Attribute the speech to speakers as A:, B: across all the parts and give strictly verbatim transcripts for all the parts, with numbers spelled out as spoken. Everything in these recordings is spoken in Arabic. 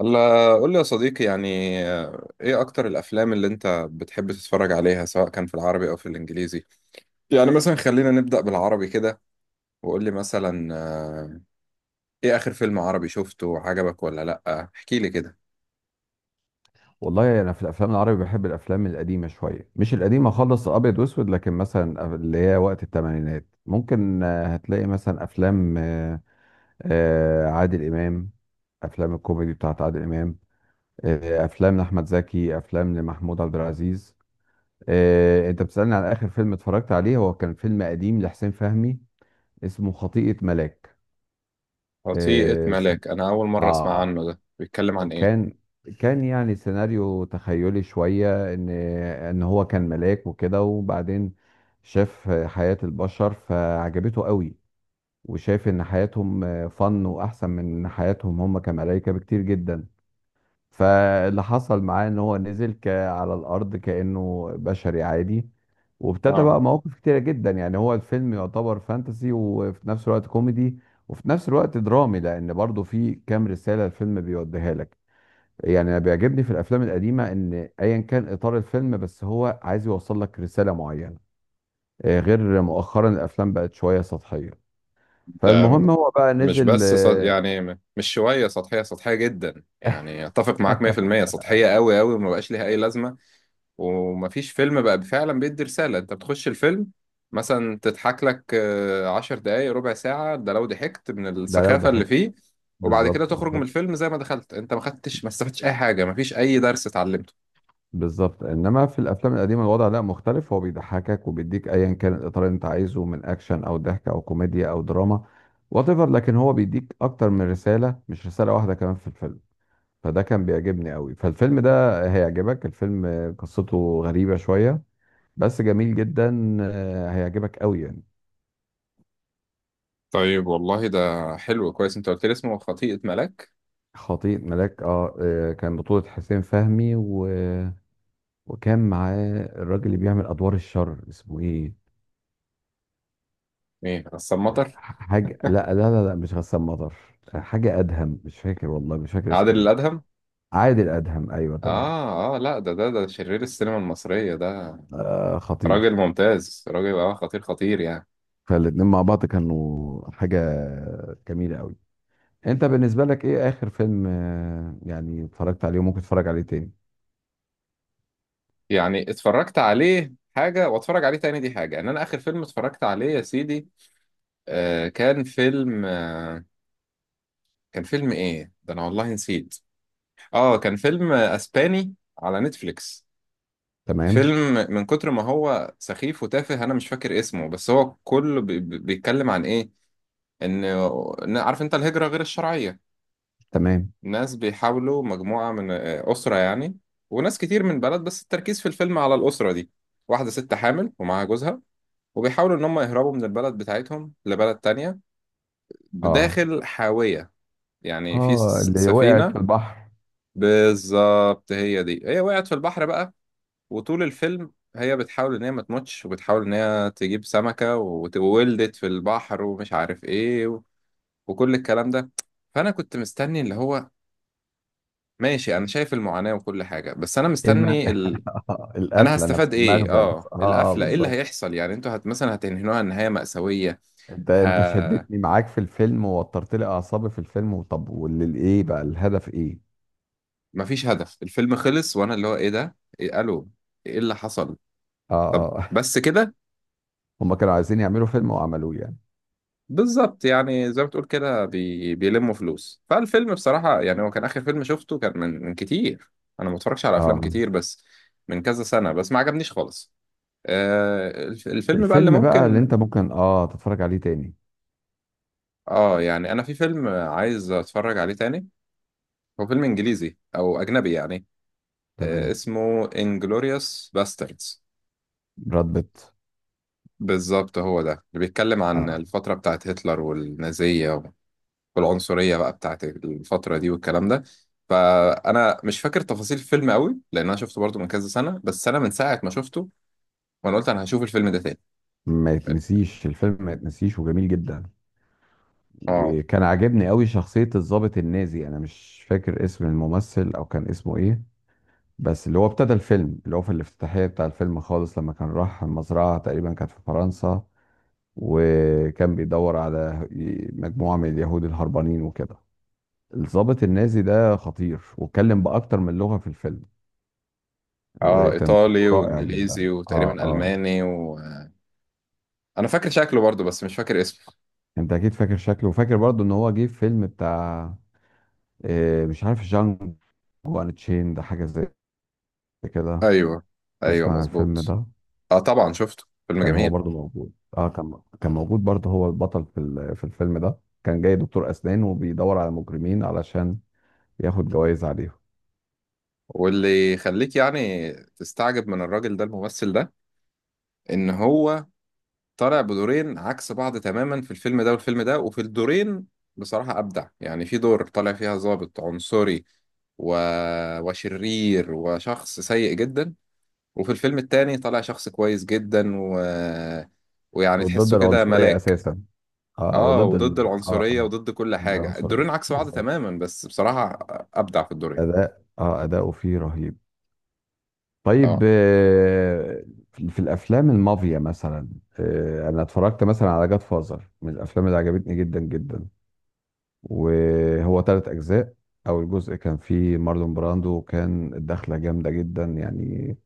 A: الله، قول لي يا صديقي يعني آه، ايه اكتر الافلام اللي انت بتحب تتفرج عليها، سواء كان في العربي او في الانجليزي؟ يعني مثلا خلينا نبدأ بالعربي كده، وقول لي مثلا آه، ايه اخر فيلم عربي شفته وعجبك ولا لا؟ احكي لي كده.
B: والله انا في الافلام العربي بحب الافلام القديمه شويه، مش القديمه خالص، ابيض واسود، لكن مثلا اللي هي وقت الثمانينات ممكن آه، هتلاقي مثلا افلام آه، آه، عادل امام، افلام الكوميدي بتاعت عادل امام، آه، افلام لاحمد زكي، افلام لمحمود عبد العزيز. آه، انت بتسالني على اخر فيلم اتفرجت عليه، هو كان فيلم قديم لحسين فهمي اسمه خطيئه ملاك.
A: وطيقة
B: اه س-
A: ملاك، انا اول مرة اسمع
B: آه،
A: عنه، ده بيتكلم عن ايه؟
B: كان كان يعني سيناريو تخيلي شوية، ان ان هو كان ملاك وكده، وبعدين شاف حياة البشر فعجبته قوي، وشاف ان حياتهم فن واحسن من حياتهم هم كملائكة بكتير جدا. فاللي حصل معاه ان هو نزل ك- على الارض كأنه بشري عادي، وابتدى
A: اه،
B: بقى مواقف كتيرة جدا. يعني هو الفيلم يعتبر فانتسي، وفي نفس الوقت كوميدي، وفي نفس الوقت درامي، لان برضه في كام رسالة الفيلم بيوديها لك. يعني انا بيعجبني في الافلام القديمه ان ايا كان اطار الفيلم بس هو عايز يوصل لك رساله معينه. آه، غير مؤخرا الافلام بقت شويه سطحيه. فالمهم
A: ده
B: هو بقى
A: مش
B: نزل
A: بس سط...
B: آه،
A: يعني م- مش شوية سطحية، سطحية جدا، يعني اتفق معاك مية في المية سطحية قوي قوي، وما بقاش ليها اي لازمة. ومفيش فيلم بقى فعلا بيدي رسالة، انت بتخش الفيلم مثلا تضحك لك آه، عشر دقايق ربع ساعة، ده لو ضحكت من
B: ده لو
A: السخافة اللي
B: ضحك.
A: فيه. وبعد كده
B: بالظبط،
A: تخرج من
B: بالظبط،
A: الفيلم زي ما دخلت، انت ما خدتش، ما استفدتش اي حاجة، مفيش اي درس اتعلمته.
B: بالظبط، انما في الافلام القديمه الوضع لا مختلف، هو بيضحكك وبيديك ايا كان الاطار اللي انت عايزه من اكشن او ضحك او كوميديا او دراما، وات ايفر، لكن هو بيديك اكتر من رساله، مش رساله واحده كمان في الفيلم. فده كان بيعجبني قوي، فالفيلم ده هيعجبك. الفيلم قصته غريبة شوية، بس جميل جدا، آه، هيعجبك قوي يعني.
A: طيب والله، ده حلو. كويس انت قلت لي اسمه خطيئة ملاك.
B: خطيب ملاك، اه، آه، كان بطولة حسين فهمي و... وكان معاه الراجل اللي بيعمل أدوار الشر اسمه ايه؟
A: ايه، غسان مطر؟
B: حاجة، لا لا لا, لا مش غسان مطر. حاجة أدهم، مش فاكر، والله مش فاكر
A: عادل
B: اسمه ايه.
A: الادهم؟
B: عادل أدهم، أيوه تمام.
A: اه، اه، لا، ده ده ده شرير السينما المصرية ده.
B: آه خطير.
A: راجل ممتاز، راجل اه خطير خطير يعني.
B: فالاتنين مع بعض كانوا حاجة جميلة قوي. انت بالنسبه لك ايه اخر فيلم آه، يعني اتفرجت عليه وممكن تتفرج عليه تاني؟
A: يعني اتفرجت عليه حاجة واتفرج عليه تاني دي حاجة. ان انا اخر فيلم اتفرجت عليه يا سيدي، آه كان فيلم آه كان فيلم ايه ده، انا والله نسيت. اه كان فيلم آه، اسباني، على نتفليكس. فيلم
B: تمام،
A: من كتر ما هو سخيف وتافه انا مش فاكر اسمه، بس هو كله بي- بي- بيتكلم عن ايه؟ ان إن- عارف انت الهجرة غير الشرعية؟
B: تمام.
A: ناس بيحاولوا، مجموعة من آه، أسرة يعني، وناس كتير من بلد، بس التركيز في الفيلم على الأسرة دي. واحدة ست حامل ومعاها جوزها، وبيحاولوا ان هم يهربوا من البلد بتاعتهم لبلد تانية،
B: اه،
A: داخل حاوية يعني في
B: اه،
A: س-
B: اللي وقعت
A: سفينة.
B: في البحر.
A: بالظبط، هي دي، هي وقعت في البحر بقى. وطول الفيلم هي بتحاول ان هي ما تموتش، وبتحاول ان هي تجيب سمكة، وت- وولدت في البحر ومش عارف ايه و... وكل الكلام ده. فانا كنت مستني اللي هو، ماشي، انا شايف المعاناة وكل حاجة، بس انا
B: ايه الم...
A: مستني ال... انا
B: القفله
A: هستفاد
B: نفسها،
A: ايه.
B: المغزى
A: اه
B: نفسها، اه، اه،
A: القفلة ايه اللي
B: بالظبط.
A: هيحصل يعني، انتوا هت... مثلا هتنهنوها نهاية مأساوية؟
B: انت انت
A: ه...
B: شدتني معاك في الفيلم ووترت لي اعصابي في الفيلم، وطب والايه بقى الهدف ايه؟
A: مفيش هدف. الفيلم خلص وانا اللي هو ايه ده، إيه الو ايه اللي حصل؟
B: اه،
A: طب
B: اه.
A: بس كده؟
B: هم كانوا عايزين يعملوا فيلم وعملوه يعني.
A: بالظبط، يعني زي ما بتقول كده، بي... بيلموا فلوس. فالفيلم بصراحة يعني هو كان آخر فيلم شفته، كان من من كتير. أنا ما بتفرجش على أفلام
B: اه،
A: كتير، بس من كذا سنة، بس ما عجبنيش خالص. آه الف- الفيلم بقى اللي
B: الفيلم بقى اللي
A: ممكن،
B: انت ممكن اه تتفرج عليه تاني.
A: اه يعني أنا في فيلم عايز أتفرج عليه تاني، هو فيلم إنجليزي أو أجنبي يعني. آه
B: تمام.
A: اسمه Inglourious Basterds.
B: براد بيت.
A: بالظبط، هو ده اللي بيتكلم عن
B: اه،
A: الفترة بتاعت هتلر والنازية، والعنصرية بقى بتاعت الفترة دي والكلام ده. فأنا مش فاكر تفاصيل الفيلم قوي، لأن أنا شفته برضو من كذا سنة، بس أنا من ساعة ما شفته وأنا قلت أنا هشوف الفيلم ده تاني.
B: ما يتنسيش الفيلم، ما يتنسيش، وجميل جدا.
A: آه
B: وكان عاجبني قوي شخصية الضابط النازي، انا مش فاكر اسم الممثل او كان اسمه ايه، بس اللي هو ابتدى الفيلم اللي هو في الافتتاحية بتاع الفيلم خالص، لما كان راح المزرعة تقريبا كانت في فرنسا، وكان بيدور على مجموعة من اليهود الهربانين وكده. الضابط النازي ده خطير، واتكلم بأكتر من لغة في الفيلم،
A: آه إيطالي
B: وتمثيله رائع جدا.
A: وإنجليزي
B: اه،
A: وتقريبا
B: اه.
A: ألماني، وأنا فاكر شكله برضو بس مش فاكر اسمه.
B: انت اكيد فاكر شكله، وفاكر برضه ان هو جه في فيلم بتاع آه، مش عارف جانجو، وان تشين ده حاجة زي كده.
A: أيوه، أيوه،
B: تسمع عن الفيلم
A: مظبوط.
B: ده؟
A: آه، طبعا شفته، فيلم
B: كان هو
A: جميل.
B: برضو موجود. اه، كان كان موجود برضو، هو البطل في ال- في الفيلم ده. كان جاي دكتور اسنان، وبيدور على مجرمين علشان ياخد جوائز عليهم،
A: واللي يخليك يعني تستعجب من الراجل ده، الممثل ده، ان هو طالع بدورين عكس بعض تماما في الفيلم ده والفيلم ده، وفي الدورين بصراحة أبدع. يعني في دور طالع فيها ضابط عنصري و... وشرير وشخص سيء جدا. وفي الفيلم التاني طالع شخص كويس جدا و... ويعني
B: وضد
A: تحسه كده
B: العنصريه
A: ملاك.
B: اساسا. اه،
A: اه،
B: وضد ال
A: وضد
B: اه آه،
A: العنصرية وضد كل
B: ضد
A: حاجة،
B: العنصريه
A: الدورين عكس بعض
B: بالظبط.
A: تماما، بس بصراحة أبدع في الدورين.
B: اداء، اه اداؤه فيه رهيب. طيب،
A: اه،
B: آه، في في الافلام المافيا مثلا، آه، انا اتفرجت مثلا على جاد فازر، من الافلام اللي عجبتني جدا جدا، وهو تلات أجزاء. أول جزء كان فيه مارلون براندو، وكان الدخلة جامدة جدا يعني،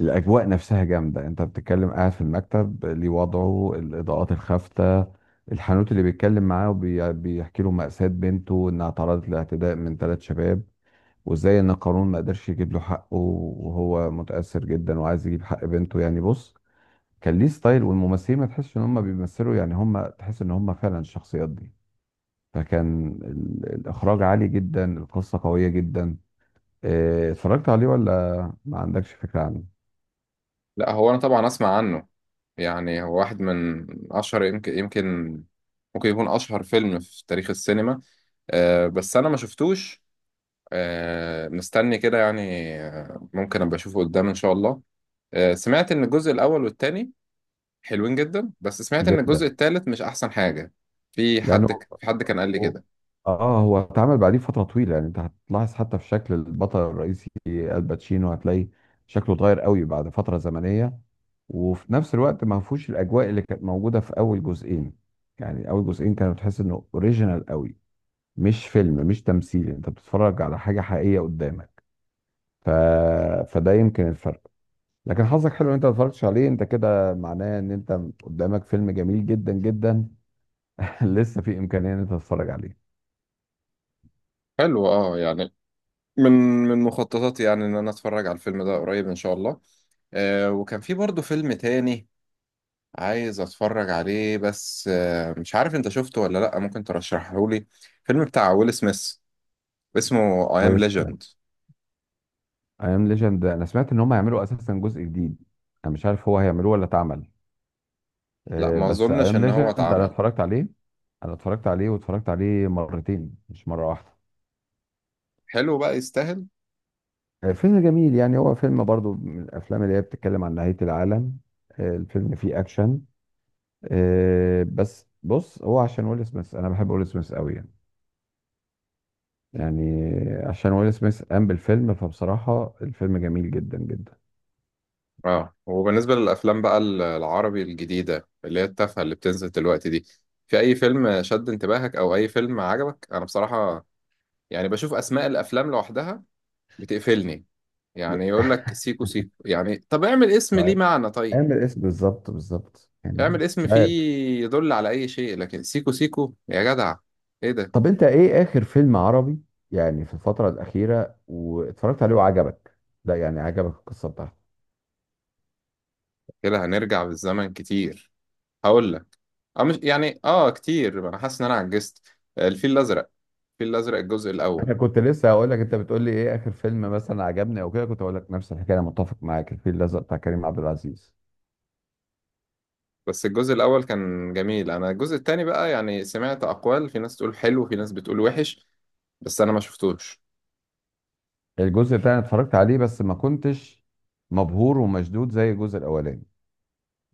B: الأجواء نفسها جامدة، أنت بتتكلم قاعد في المكتب ليه وضعه الإضاءات الخافتة، الحانوت اللي بيتكلم معاه وبيحكي له مأساة بنته إنها تعرضت لاعتداء من ثلاث شباب، وإزاي إن القانون ما قدرش يجيب له حقه، وهو متأثر جدا وعايز يجيب حق بنته. يعني بص، كان ليه ستايل، والممثلين ما تحسش إن هم بيمثلوا، يعني هم تحس إن هم فعلا الشخصيات دي. فكان ال- الإخراج عالي جدا، القصة قوية جدا. آه، اتفرجت عليه ولا ما عندكش فكرة عنه؟
A: لا، هو انا طبعا اسمع عنه، يعني هو واحد من اشهر، يمكن يمكن ممكن يكون اشهر فيلم في تاريخ السينما. آه بس انا ما شفتوش. آه مستني كده يعني، آه ممكن ابقى اشوفه قدام ان شاء الله. آه سمعت ان الجزء الاول والتاني حلوين جدا، بس سمعت ان الجزء
B: جدا.
A: التالت مش احسن حاجة. في
B: لأنه
A: حد في حد كان قال لي
B: هو-
A: كده.
B: اه هو اتعمل بعديه فترة طويلة. يعني انت هتلاحظ حتى في شكل البطل الرئيسي الباتشينو، هتلاقي شكله اتغير قوي بعد فترة زمنية، وفي نفس الوقت ما فيهوش الأجواء اللي كانت موجودة في أول جزئين. يعني أول جزئين كانوا تحس إنه أوريجينال قوي، مش فيلم، مش تمثيل، أنت بتتفرج على حاجة حقيقية قدامك. ف... فده يمكن الفرق. لكن حظك حلو ان انت ما اتفرجتش عليه، انت كده معناه ان انت قدامك فيلم جميل جدا جدا. لسه في امكانيه ان انت تتفرج عليه.
A: حلو، اه يعني من من مخططاتي يعني ان انا اتفرج على الفيلم ده قريب ان شاء الله. آه وكان في برضه فيلم تاني عايز اتفرج عليه، بس آه، مش عارف انت شفته ولا لا، ممكن ترشحه لي. فيلم بتاع ويل سميث، اسمه اي ام
B: كويس.
A: ليجند.
B: اي ام ليجند، انا سمعت ان هم هيعملوا اساسا جزء جديد، انا مش عارف هو هيعملوه ولا اتعمل.
A: لا،
B: آه،
A: ما
B: بس اي
A: اظنش
B: ام
A: ان هو
B: ليجند انا
A: اتعمل.
B: اتفرجت عليه، انا اتفرجت عليه، واتفرجت عليه مرتين مش مره واحده.
A: حلو بقى، يستاهل.
B: آه، فيلم جميل، يعني هو فيلم برضو من الافلام اللي هي بتتكلم عن نهايه العالم. آه، الفيلم فيه اكشن، آه، بس بص هو عشان ويل سميث، انا بحب ويل سميث قوي يعني. يعني عشان ويل سميث قام بالفيلم، فبصراحة الفيلم جميل جدا جدا.
A: اه وبالنسبه للافلام بقى ال- العربي الجديده اللي هي التافهه اللي بتنزل دلوقتي دي، في اي فيلم شد انتباهك او اي فيلم عجبك؟ انا بصراحه يعني بشوف اسماء الافلام لوحدها بتقفلني، يعني يقول لك سيكو سيكو، يعني طب اعمل اسم ليه
B: طيب،
A: معنى، طيب
B: قام الاسم بالظبط، بالظبط، يعني
A: اعمل اسم
B: مش
A: فيه
B: عارف.
A: يدل على اي شيء، لكن سيكو سيكو يا جدع، ايه ده؟
B: طب انت ايه اخر فيلم عربي يعني في الفترة الأخيرة واتفرجت عليه وعجبك؟ لا يعني، عجبك القصة بتاعته؟
A: كده هنرجع بالزمن كتير، هقول لك، اه مش يعني اه كتير، ما انا حاسس ان انا عجزت. الفيل الازرق، الفيل الازرق الجزء الاول.
B: انا كنت لسه هقول لك، انت بتقول لي ايه اخر فيلم مثلا عجبني او كده، كنت هقول لك نفس الحكاية، انا متفق معاك، الفيل الازرق بتاع كريم عبد العزيز.
A: بس الجزء الاول كان جميل، انا الجزء التاني بقى يعني سمعت اقوال، في ناس تقول حلو في ناس بتقول وحش، بس انا ما شفتوش.
B: الجزء الثاني اتفرجت عليه، بس ما كنتش مبهور ومشدود زي الجزء الاولاني.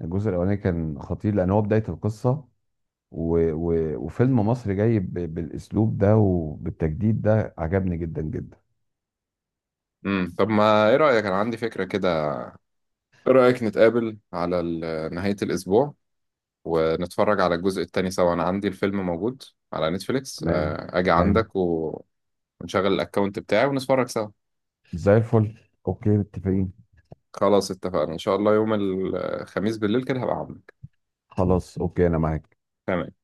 B: الجزء الاولاني كان خطير لان هو بداية القصة، و... و... وفيلم مصري جاي ب... بالاسلوب ده وبالتجديد ده، عجبني جدا جدا.
A: امم طب ما ايه رايك، انا عندي فكره كده. ايه رايك نتقابل على ال- نهايه الاسبوع ونتفرج على الجزء التاني سوا، انا عندي الفيلم موجود على نتفليكس،
B: تمام،
A: آه، اجي
B: تمام،
A: عندك و- ونشغل الاكونت بتاعي ونتفرج سوا.
B: زي الفل. اوكي متفقين.
A: خلاص، اتفقنا ان شاء الله يوم الخميس بالليل كده هبقى عندك.
B: خلاص اوكي انا معاك.
A: تمام.